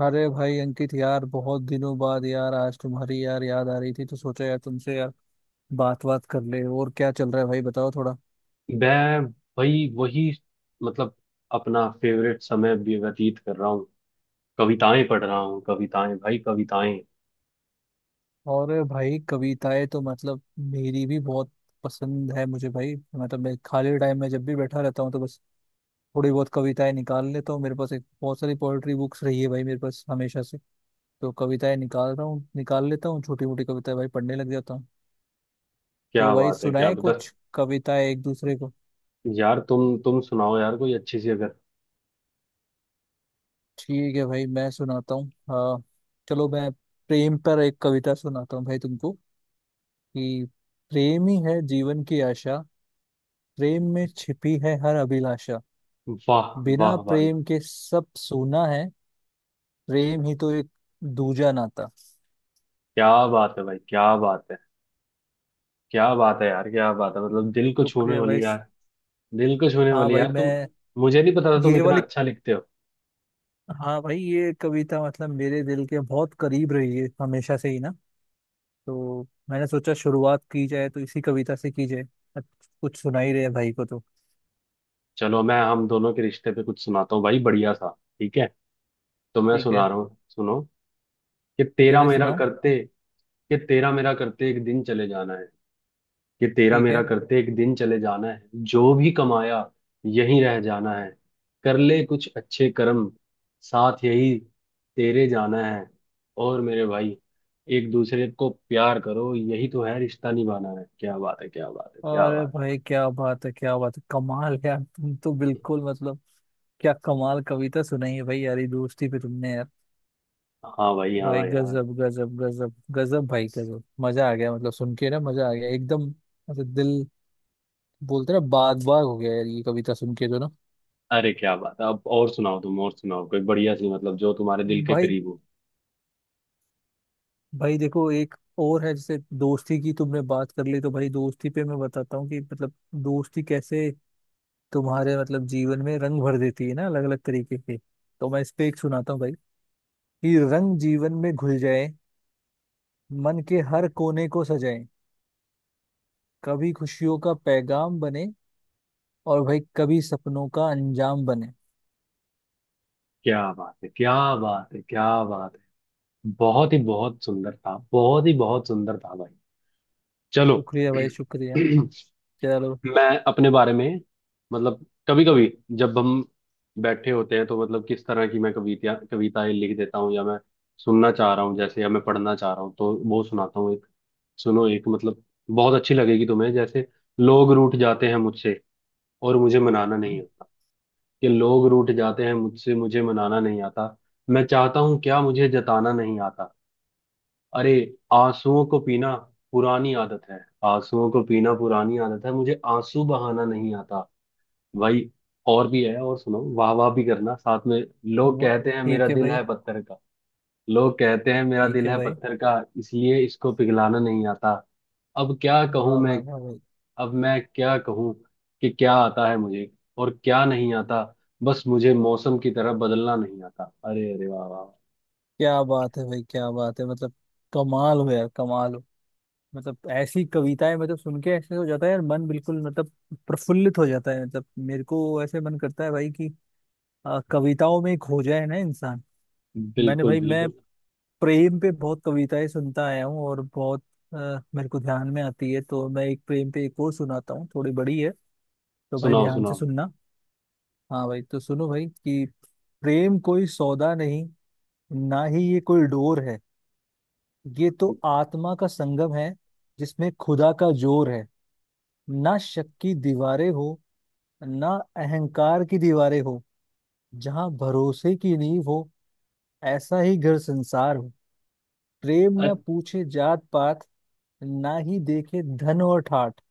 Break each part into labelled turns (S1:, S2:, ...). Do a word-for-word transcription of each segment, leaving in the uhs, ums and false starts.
S1: अरे भाई अंकित यार, बहुत दिनों बाद यार आज तुम्हारी यार याद आ रही थी तो सोचा यार तुमसे यार बात बात कर ले। और क्या चल रहा है भाई? बताओ थोड़ा।
S2: मैं भाई वही मतलब अपना फेवरेट समय भी व्यतीत कर रहा हूँ। कविताएं पढ़ रहा हूँ, कविताएं भाई, कविताएं।
S1: और भाई, कविताएं तो मतलब मेरी भी बहुत पसंद है मुझे भाई। मतलब मैं खाली टाइम में जब भी बैठा रहता हूँ तो बस थोड़ी बहुत कविताएं निकाल लेता हूँ। मेरे पास एक बहुत सारी पोएट्री बुक्स रही है भाई मेरे पास हमेशा से। तो कविताएं निकाल रहा हूँ, निकाल लेता हूँ छोटी मोटी कविताएं भाई, पढ़ने लग जाता हूँ। तो
S2: क्या
S1: भाई
S2: बात है, क्या
S1: सुनाए
S2: बता।
S1: कुछ कविताएं एक दूसरे को।
S2: यार तुम तुम सुनाओ यार कोई अच्छी सी अगर।
S1: ठीक है भाई, मैं सुनाता हूँ। हाँ, चलो मैं प्रेम पर एक कविता सुनाता हूँ भाई तुमको। कि प्रेम ही है जीवन की आशा, प्रेम में छिपी है हर अभिलाषा।
S2: वाह
S1: बिना
S2: वाह भाई,
S1: प्रेम के सब सूना है, प्रेम ही तो एक दूजा नाता।
S2: क्या बात है भाई, क्या बात है, क्या बात है यार, क्या बात है। मतलब दिल को छूने
S1: शुक्रिया भाई।
S2: वाली यार, दिल को छूने
S1: हाँ
S2: वाली
S1: भाई
S2: यार तुम।
S1: मैं,
S2: मुझे नहीं पता था तुम
S1: ये
S2: इतना
S1: वाली।
S2: अच्छा लिखते हो।
S1: हाँ भाई, ये कविता मतलब मेरे दिल के बहुत करीब रही है हमेशा से ही ना। तो मैंने सोचा शुरुआत की जाए तो इसी कविता से की जाए। अच्छा, कुछ सुना ही रहे भाई को तो।
S2: चलो मैं हम दोनों के रिश्ते पे कुछ सुनाता हूँ भाई, बढ़िया सा। ठीक है, तो मैं
S1: ठीक
S2: सुना
S1: है।
S2: रहा हूँ, सुनो। कि
S1: ठीक है
S2: तेरा
S1: भाई
S2: मेरा
S1: सुनाओ।
S2: करते, कि तेरा मेरा करते एक दिन चले जाना है। कि तेरा
S1: ठीक
S2: मेरा
S1: है।
S2: करते एक दिन चले जाना है, जो भी कमाया यहीं रह जाना है। कर ले कुछ अच्छे कर्म, साथ यही तेरे जाना है। और मेरे भाई, एक दूसरे को प्यार करो, यही तो है रिश्ता निभाना है। क्या बात है, क्या बात है, क्या
S1: अरे
S2: बात
S1: भाई क्या बात है, क्या बात है! कमाल यार, तुम तो
S2: है।
S1: बिल्कुल मतलब क्या कमाल कविता सुनाई है भाई यार, ये दोस्ती पे तुमने यार।
S2: हाँ भाई, हाँ
S1: भाई
S2: यार।
S1: गजब गजब गजब गजब भाई गजब, मजा आ गया मतलब सुन के ना, मजा आ गया एकदम। मतलब दिल, बोलते ना, बाग बाग हो गया यार ये कविता सुन के तो ना।
S2: अरे क्या बात है। अब और सुनाओ तुम, और सुनाओ कोई बढ़िया सी, मतलब जो तुम्हारे दिल के
S1: भाई,
S2: करीब हो।
S1: भाई देखो एक और है। जैसे दोस्ती की तुमने बात कर ली तो भाई दोस्ती पे मैं बताता हूँ कि मतलब दोस्ती कैसे तुम्हारे मतलब जीवन में रंग भर देती है ना, अलग अलग तरीके के। तो मैं इस पे एक सुनाता हूँ भाई कि रंग जीवन में घुल जाए, मन के हर कोने को सजाए। कभी खुशियों का पैगाम बने और भाई कभी सपनों का अंजाम बने।
S2: क्या बात है, क्या बात है, क्या बात है। बहुत ही बहुत सुंदर था, बहुत ही बहुत सुंदर था भाई। चलो।
S1: शुक्रिया भाई शुक्रिया। चलो
S2: मैं अपने बारे में, मतलब कभी कभी जब हम बैठे होते हैं तो मतलब, किस तरह की मैं कविता कविताएं लिख देता हूँ या मैं सुनना चाह रहा हूँ जैसे, या मैं पढ़ना चाह रहा हूँ, तो वो सुनाता हूँ एक। सुनो एक, मतलब बहुत अच्छी लगेगी तुम्हें जैसे। लोग रूठ जाते हैं मुझसे, और मुझे मनाना नहीं आता। कि लोग रूठ जाते हैं मुझसे, मुझे मनाना नहीं आता। मैं चाहता हूँ क्या मुझे जताना नहीं आता। अरे। आंसुओं को पीना पुरानी आदत है। आंसुओं को पीना पुरानी आदत है, मुझे आंसू बहाना नहीं आता। भाई और भी है, और सुनो, वाह वाह भी करना साथ में। लोग
S1: वो
S2: कहते हैं मेरा
S1: ठीक है
S2: दिल
S1: भाई,
S2: है पत्थर का। लोग कहते हैं मेरा
S1: ठीक
S2: दिल
S1: है
S2: है
S1: भाई।
S2: पत्थर का, इसलिए इसको पिघलाना नहीं आता। अब क्या कहूं
S1: वाह वाह
S2: मैं,
S1: वाह भाई!
S2: अब मैं क्या कहूं, कि क्या आता है मुझे और क्या नहीं आता। बस मुझे मौसम की तरह बदलना नहीं आता। अरे अरे, वाह वाह।
S1: क्या बात है भाई, क्या बात है मतलब कमाल हो यार, कमाल हो। मतलब ऐसी कविताएं मतलब सुन के ऐसे हो जाता है यार मन बिल्कुल, मतलब प्रफुल्लित हो जाता है। मतलब मेरे को ऐसे मन करता है भाई कि आ, कविताओं में खो जाए ना इंसान। मैंने
S2: बिल्कुल
S1: भाई, मैं
S2: बिल्कुल।
S1: प्रेम पे बहुत कविताएं सुनता आया हूँ और बहुत अ, मेरे को ध्यान में आती है तो मैं एक प्रेम पे एक और सुनाता हूँ, थोड़ी बड़ी है तो भाई
S2: सुनाओ
S1: ध्यान से
S2: सुनाओ।
S1: सुनना। हाँ भाई तो सुनो भाई कि प्रेम कोई सौदा नहीं, ना ही ये कोई डोर है। ये तो आत्मा का संगम है, जिसमें खुदा का जोर है। ना शक की दीवारें हो, ना अहंकार की दीवारें हो। जहाँ भरोसे की नींव हो, ऐसा ही घर संसार हो। प्रेम न पूछे जात पात, ना ही देखे धन और ठाट।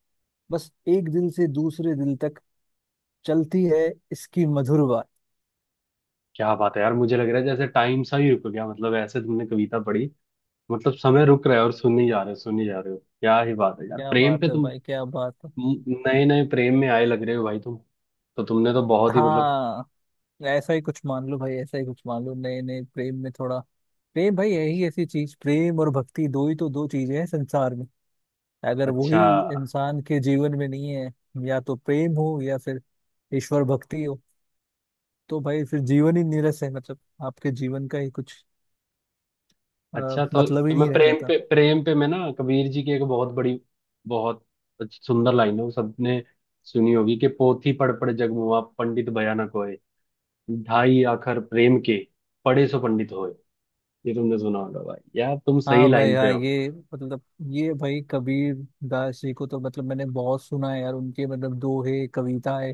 S1: बस एक दिल से दूसरे दिल तक चलती है इसकी मधुर बात।
S2: क्या बात है यार, मुझे लग रहा है जैसे टाइम सा ही रुक गया। मतलब ऐसे तुमने कविता पढ़ी, मतलब समय रुक रहा है। और सुनने जा रहे हो, सुनने जा रहे हो, क्या ही बात है यार।
S1: क्या
S2: प्रेम पे
S1: बात है
S2: तुम
S1: भाई, क्या बात है।
S2: नए नए प्रेम में आए लग रहे हो भाई तुम। तो तुमने तो बहुत ही मतलब
S1: हाँ, ऐसा ही कुछ मान लो भाई, ऐसा ही कुछ मान लो, नए नए प्रेम में थोड़ा। प्रेम भाई यही ऐसी चीज, प्रेम और भक्ति दो ही तो दो चीजें हैं संसार में। अगर वही
S2: अच्छा।
S1: इंसान के जीवन में नहीं है, या तो प्रेम हो या फिर ईश्वर भक्ति हो, तो भाई फिर जीवन ही नीरस है। मतलब आपके जीवन का ही कुछ अ,
S2: अच्छा, तो
S1: मतलब ही
S2: तो मैं
S1: नहीं रह
S2: प्रेम
S1: जाता।
S2: पे, प्रेम पे मैं ना कबीर जी की एक बहुत बड़ी बहुत अच्छी सुंदर लाइन है, वो सबने सुनी होगी। कि पोथी पढ़ पढ़ जग मुआ, पंडित भयानक होए। ढाई आखर प्रेम के, पढ़े सो पंडित होए। ये तुमने सुना होगा भाई, यार तुम सही
S1: हाँ भाई
S2: लाइन पे
S1: हाँ,
S2: हो।
S1: ये मतलब ये भाई कबीर दास जी को तो मतलब मैंने बहुत सुना है यार, उनके मतलब दोहे कविताएं,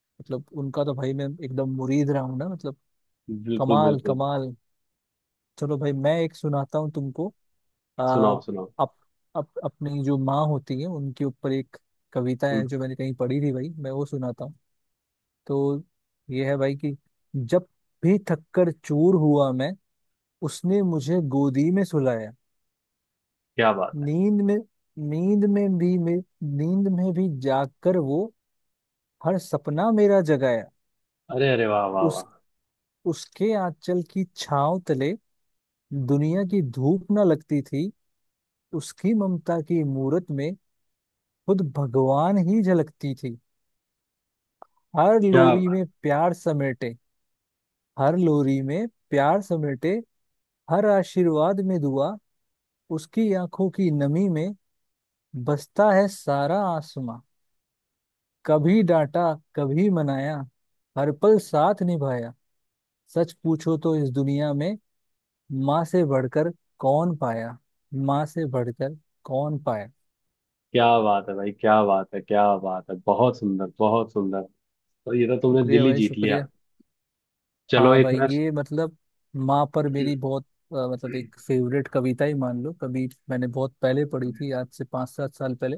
S1: मतलब उनका तो भाई मैं एकदम मुरीद रहा हूँ ना मतलब।
S2: बिल्कुल
S1: कमाल,
S2: बिल्कुल।
S1: कमाल। चलो भाई मैं एक सुनाता हूँ तुमको। आ,
S2: सुनाओ सुनाओ।
S1: अप, अप, अपनी जो माँ होती है उनके ऊपर एक कविता
S2: हम्म,
S1: है जो मैंने कहीं पढ़ी थी भाई, मैं वो सुनाता हूँ। तो ये है भाई कि जब भी थक्कर चूर हुआ मैं, उसने मुझे गोदी में सुलाया।
S2: क्या बात है।
S1: नींद में नींद में भी मे नींद में भी जागकर वो हर सपना मेरा जगाया।
S2: अरे अरे, वाह वाह वाह।
S1: उस उसके आंचल की छांव तले दुनिया की धूप न लगती थी। उसकी ममता की मूरत में खुद भगवान ही झलकती थी। हर
S2: क्या,
S1: लोरी में प्यार समेटे हर लोरी में प्यार समेटे, हर आशीर्वाद में दुआ। उसकी आंखों की नमी में बसता है सारा आसमां। कभी डांटा कभी मनाया, हर पल साथ निभाया। सच पूछो तो इस दुनिया में माँ से बढ़कर कौन पाया? माँ से बढ़कर कौन पाया?
S2: क्या बात है भाई, क्या बात है, क्या बात है। बहुत सुंदर, बहुत सुंदर। तो ये तो तुमने
S1: शुक्रिया
S2: दिल ही
S1: भाई
S2: जीत
S1: शुक्रिया।
S2: लिया। चलो
S1: हाँ
S2: एक
S1: भाई,
S2: मैं।
S1: ये मतलब माँ पर मेरी बहुत अ, मतलब एक फेवरेट कविता ही मान लो। कभी मैंने बहुत पहले पढ़ी थी, आज से पाँच सात साल पहले,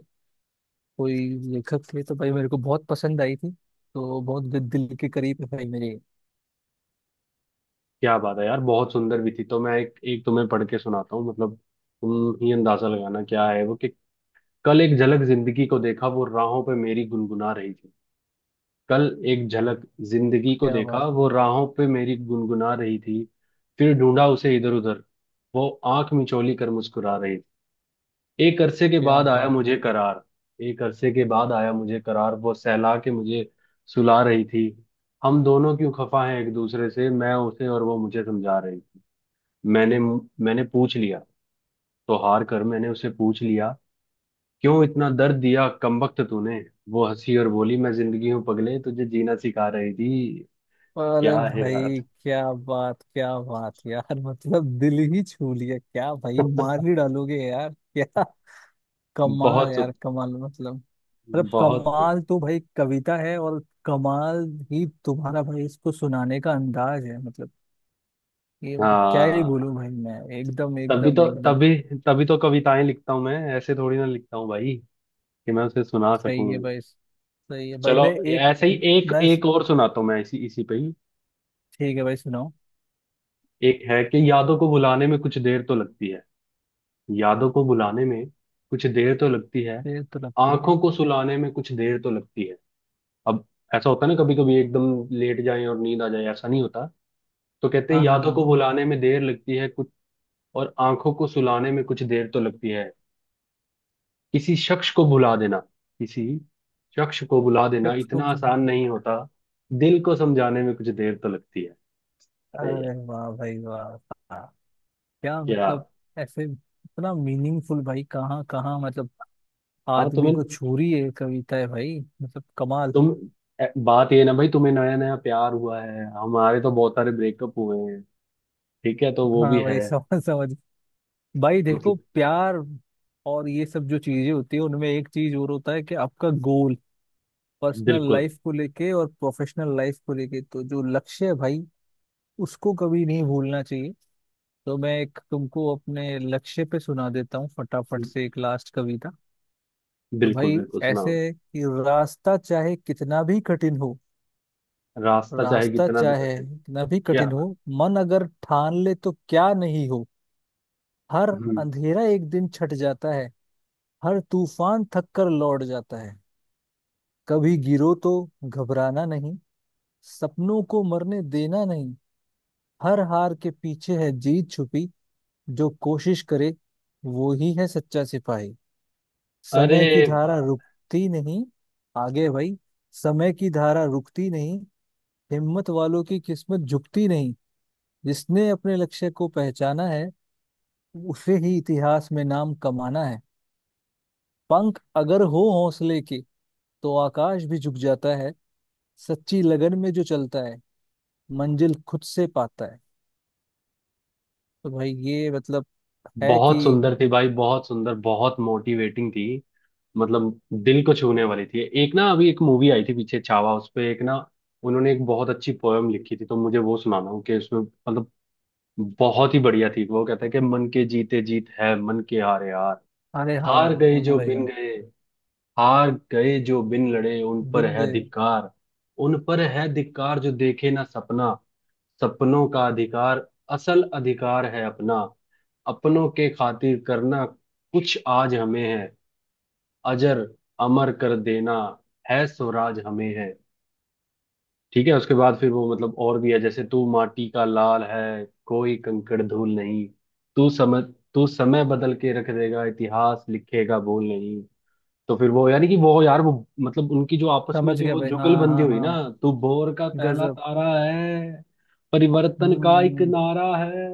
S1: कोई लेखक थे तो भाई मेरे को बहुत पसंद आई थी। तो बहुत दिल दिल के करीब है भाई मेरे।
S2: क्या बात है यार, बहुत सुंदर भी थी। तो मैं एक एक तुम्हें पढ़ के सुनाता हूँ, मतलब तुम ही अंदाजा लगाना क्या है वो। कि कल एक झलक जिंदगी को देखा, वो राहों पे मेरी गुनगुना रही थी। कल एक झलक जिंदगी को
S1: क्या
S2: देखा,
S1: बात,
S2: वो राहों पे मेरी गुनगुना रही थी। फिर ढूंढा उसे इधर उधर, वो आंख मिचोली कर मुस्कुरा रही थी। एक अरसे के
S1: क्या
S2: बाद आया
S1: बात!
S2: मुझे करार, एक अरसे के बाद आया मुझे करार, वो सहला के मुझे सुला रही थी। हम दोनों क्यों खफा हैं एक दूसरे से, मैं उसे और वो मुझे समझा रही थी। मैंने मैंने पूछ लिया, तो हार कर मैंने उसे पूछ लिया, क्यों इतना दर्द दिया कमबख्त तूने। वो हंसी और बोली, मैं जिंदगी हूं पगले, तुझे जीना सिखा रही थी।
S1: अरे
S2: क्या है यार।
S1: भाई क्या बात, क्या बात यार! मतलब दिल ही छू लिया क्या भाई, मार ही डालोगे यार। क्या कमाल
S2: बहुत
S1: यार कमाल, मतलब मतलब
S2: बहुत।
S1: कमाल तो भाई कविता है, और कमाल ही तुम्हारा भाई इसको सुनाने का अंदाज है मतलब। ये मतलब क्या ही बोलूं
S2: हाँ
S1: भाई मैं, एकदम
S2: तभी
S1: एकदम
S2: तो,
S1: एकदम।
S2: तभी, तभी तो कविताएं लिखता हूँ मैं, ऐसे थोड़ी ना लिखता हूँ भाई, कि मैं उसे सुना
S1: सही है
S2: सकूं।
S1: भाई, सही है भाई।
S2: चलो
S1: मैं एक,
S2: ऐसे ही एक,
S1: मैं
S2: एक और सुनाता हूँ मैं, इसी इसी पे ही।
S1: ठीक है भाई सुनाओ।
S2: एक है कि यादों को भुलाने में कुछ देर तो लगती है। यादों को भुलाने में कुछ देर तो लगती है।
S1: ये तो लगती है।
S2: आंखों को सुलाने में कुछ देर तो लगती है। अब ऐसा होता है ना कभी कभी, एकदम लेट जाएं और नींद आ जाए, ऐसा नहीं होता। तो कहते हैं
S1: हाँ हाँ
S2: यादों को
S1: हाँ।
S2: भुलाने में देर लगती है और आंखों को सुलाने में कुछ देर तो लगती है। किसी शख्स को भुला देना, किसी शख्स को भुला
S1: क्या-
S2: देना इतना आसान नहीं होता। दिल को समझाने में कुछ देर तो लगती है। अरे यार,
S1: अरे वाह भाई वाह! क्या
S2: क्या।
S1: मतलब, ऐसे इतना मीनिंगफुल भाई, कहाँ कहाँ मतलब
S2: हाँ
S1: आदमी
S2: तुम्हें,
S1: को छू रही है कविता है भाई, मतलब कमाल।
S2: तुम, ए, बात ये ना भाई, तुम्हें नया नया प्यार हुआ है, हमारे तो बहुत सारे ब्रेकअप हुए हैं। ठीक है, तो वो भी
S1: हाँ
S2: है
S1: भाई समझ समझ। भाई देखो,
S2: मतलब।
S1: प्यार और ये सब जो चीजें होती है उनमें एक चीज और होता है कि आपका गोल, पर्सनल
S2: बिल्कुल
S1: लाइफ को लेके और प्रोफेशनल लाइफ को लेके, तो जो लक्ष्य है भाई उसको कभी नहीं भूलना चाहिए। तो मैं एक तुमको अपने लक्ष्य पे सुना देता हूँ फटाफट से, एक लास्ट कविता। तो
S2: बिल्कुल।
S1: भाई
S2: बिल्कुल
S1: ऐसे
S2: सुनाओ।
S1: कि रास्ता चाहे कितना भी कठिन हो,
S2: रास्ता चाहे
S1: रास्ता
S2: कितना भी
S1: चाहे
S2: कठिन।
S1: कितना भी
S2: क्या
S1: कठिन
S2: बात।
S1: हो, मन अगर ठान ले तो क्या नहीं हो। हर
S2: हम्म।
S1: अंधेरा एक दिन छट जाता है, हर तूफान थक कर लौट जाता है। कभी गिरो तो घबराना नहीं, सपनों को मरने देना नहीं। हर हार के पीछे है जीत छुपी, जो कोशिश करे वो ही है सच्चा सिपाही।
S2: अरे
S1: समय की धारा
S2: वाह।
S1: रुकती नहीं, आगे भाई, समय की धारा रुकती नहीं, हिम्मत वालों की किस्मत झुकती नहीं। जिसने अपने लक्ष्य को पहचाना है, उसे ही इतिहास में नाम कमाना है। पंख अगर हो हौसले के तो आकाश भी झुक जाता है, सच्ची लगन में जो चलता है मंजिल खुद से पाता है। तो भाई ये मतलब है
S2: बहुत
S1: कि
S2: सुंदर थी भाई, बहुत सुंदर, बहुत मोटिवेटिंग थी। मतलब दिल को छूने वाली थी। एक ना अभी एक मूवी आई थी पीछे छावा, उस पे एक ना उन्होंने एक बहुत अच्छी पोयम लिखी थी, तो मुझे वो सुनाना हूँ। कि उसमें मतलब बहुत ही बढ़िया थी। वो कहता है कि मन के जीते जीत है, मन के हारे हार।
S1: अरे हार,
S2: हार गए
S1: हाँ हाँ
S2: जो
S1: भाई
S2: बिन
S1: हाँ।
S2: गए, हार गए जो बिन लड़े, उन पर
S1: बिन
S2: है
S1: गए।
S2: धिक्कार। उन पर है धिक्कार जो देखे ना सपना। सपनों का अधिकार, असल अधिकार है अपना। अपनों के खातिर करना कुछ आज हमें है, अजर अमर कर देना है स्वराज हमें है। ठीक है, उसके बाद फिर वो मतलब और भी है जैसे, तू माटी का लाल है, कोई कंकड़ धूल नहीं। तू समय, तू समय बदल के रख देगा, इतिहास लिखेगा भूल नहीं। तो फिर वो यानी कि वो यार वो मतलब उनकी जो आपस में
S1: समझ
S2: जो
S1: गया
S2: वो
S1: भाई, हाँ
S2: जुगलबंदी
S1: हाँ
S2: हुई
S1: हाँ।
S2: ना। तू भोर का पहला
S1: गजब।
S2: तारा है, परिवर्तन का एक
S1: हम्म।
S2: नारा है।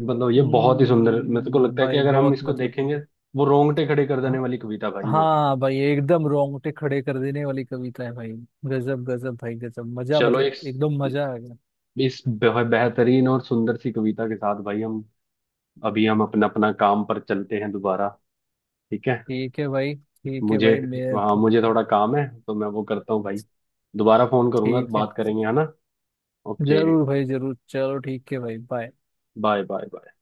S2: मतलब ये बहुत ही सुंदर मेरे को
S1: हम्म
S2: लगता है, कि
S1: भाई,
S2: अगर हम
S1: बहुत
S2: इसको
S1: मतलब।
S2: देखेंगे, वो रोंगटे खड़े कर
S1: हाँ।
S2: देने वाली कविता भाई वो।
S1: हाँ भाई एकदम रोंगटे खड़े कर देने वाली कविता है भाई, गजब गजब भाई गजब मजा,
S2: चलो
S1: मतलब
S2: एक,
S1: एकदम मजा आ गया।
S2: इस बेह- बेहतरीन और सुंदर सी कविता के साथ भाई, हम अभी हम अपना अपना काम पर चलते हैं दोबारा। ठीक है।
S1: ठीक है भाई, ठीक है
S2: मुझे,
S1: भाई मैं
S2: हाँ
S1: तो-
S2: मुझे थोड़ा काम है, तो मैं वो करता हूँ भाई। दोबारा फोन करूंगा,
S1: ठीक है।
S2: बात करेंगे है ना। ओके।
S1: जरूर भाई जरूर, चलो ठीक है भाई, बाय।
S2: Bye bye bye.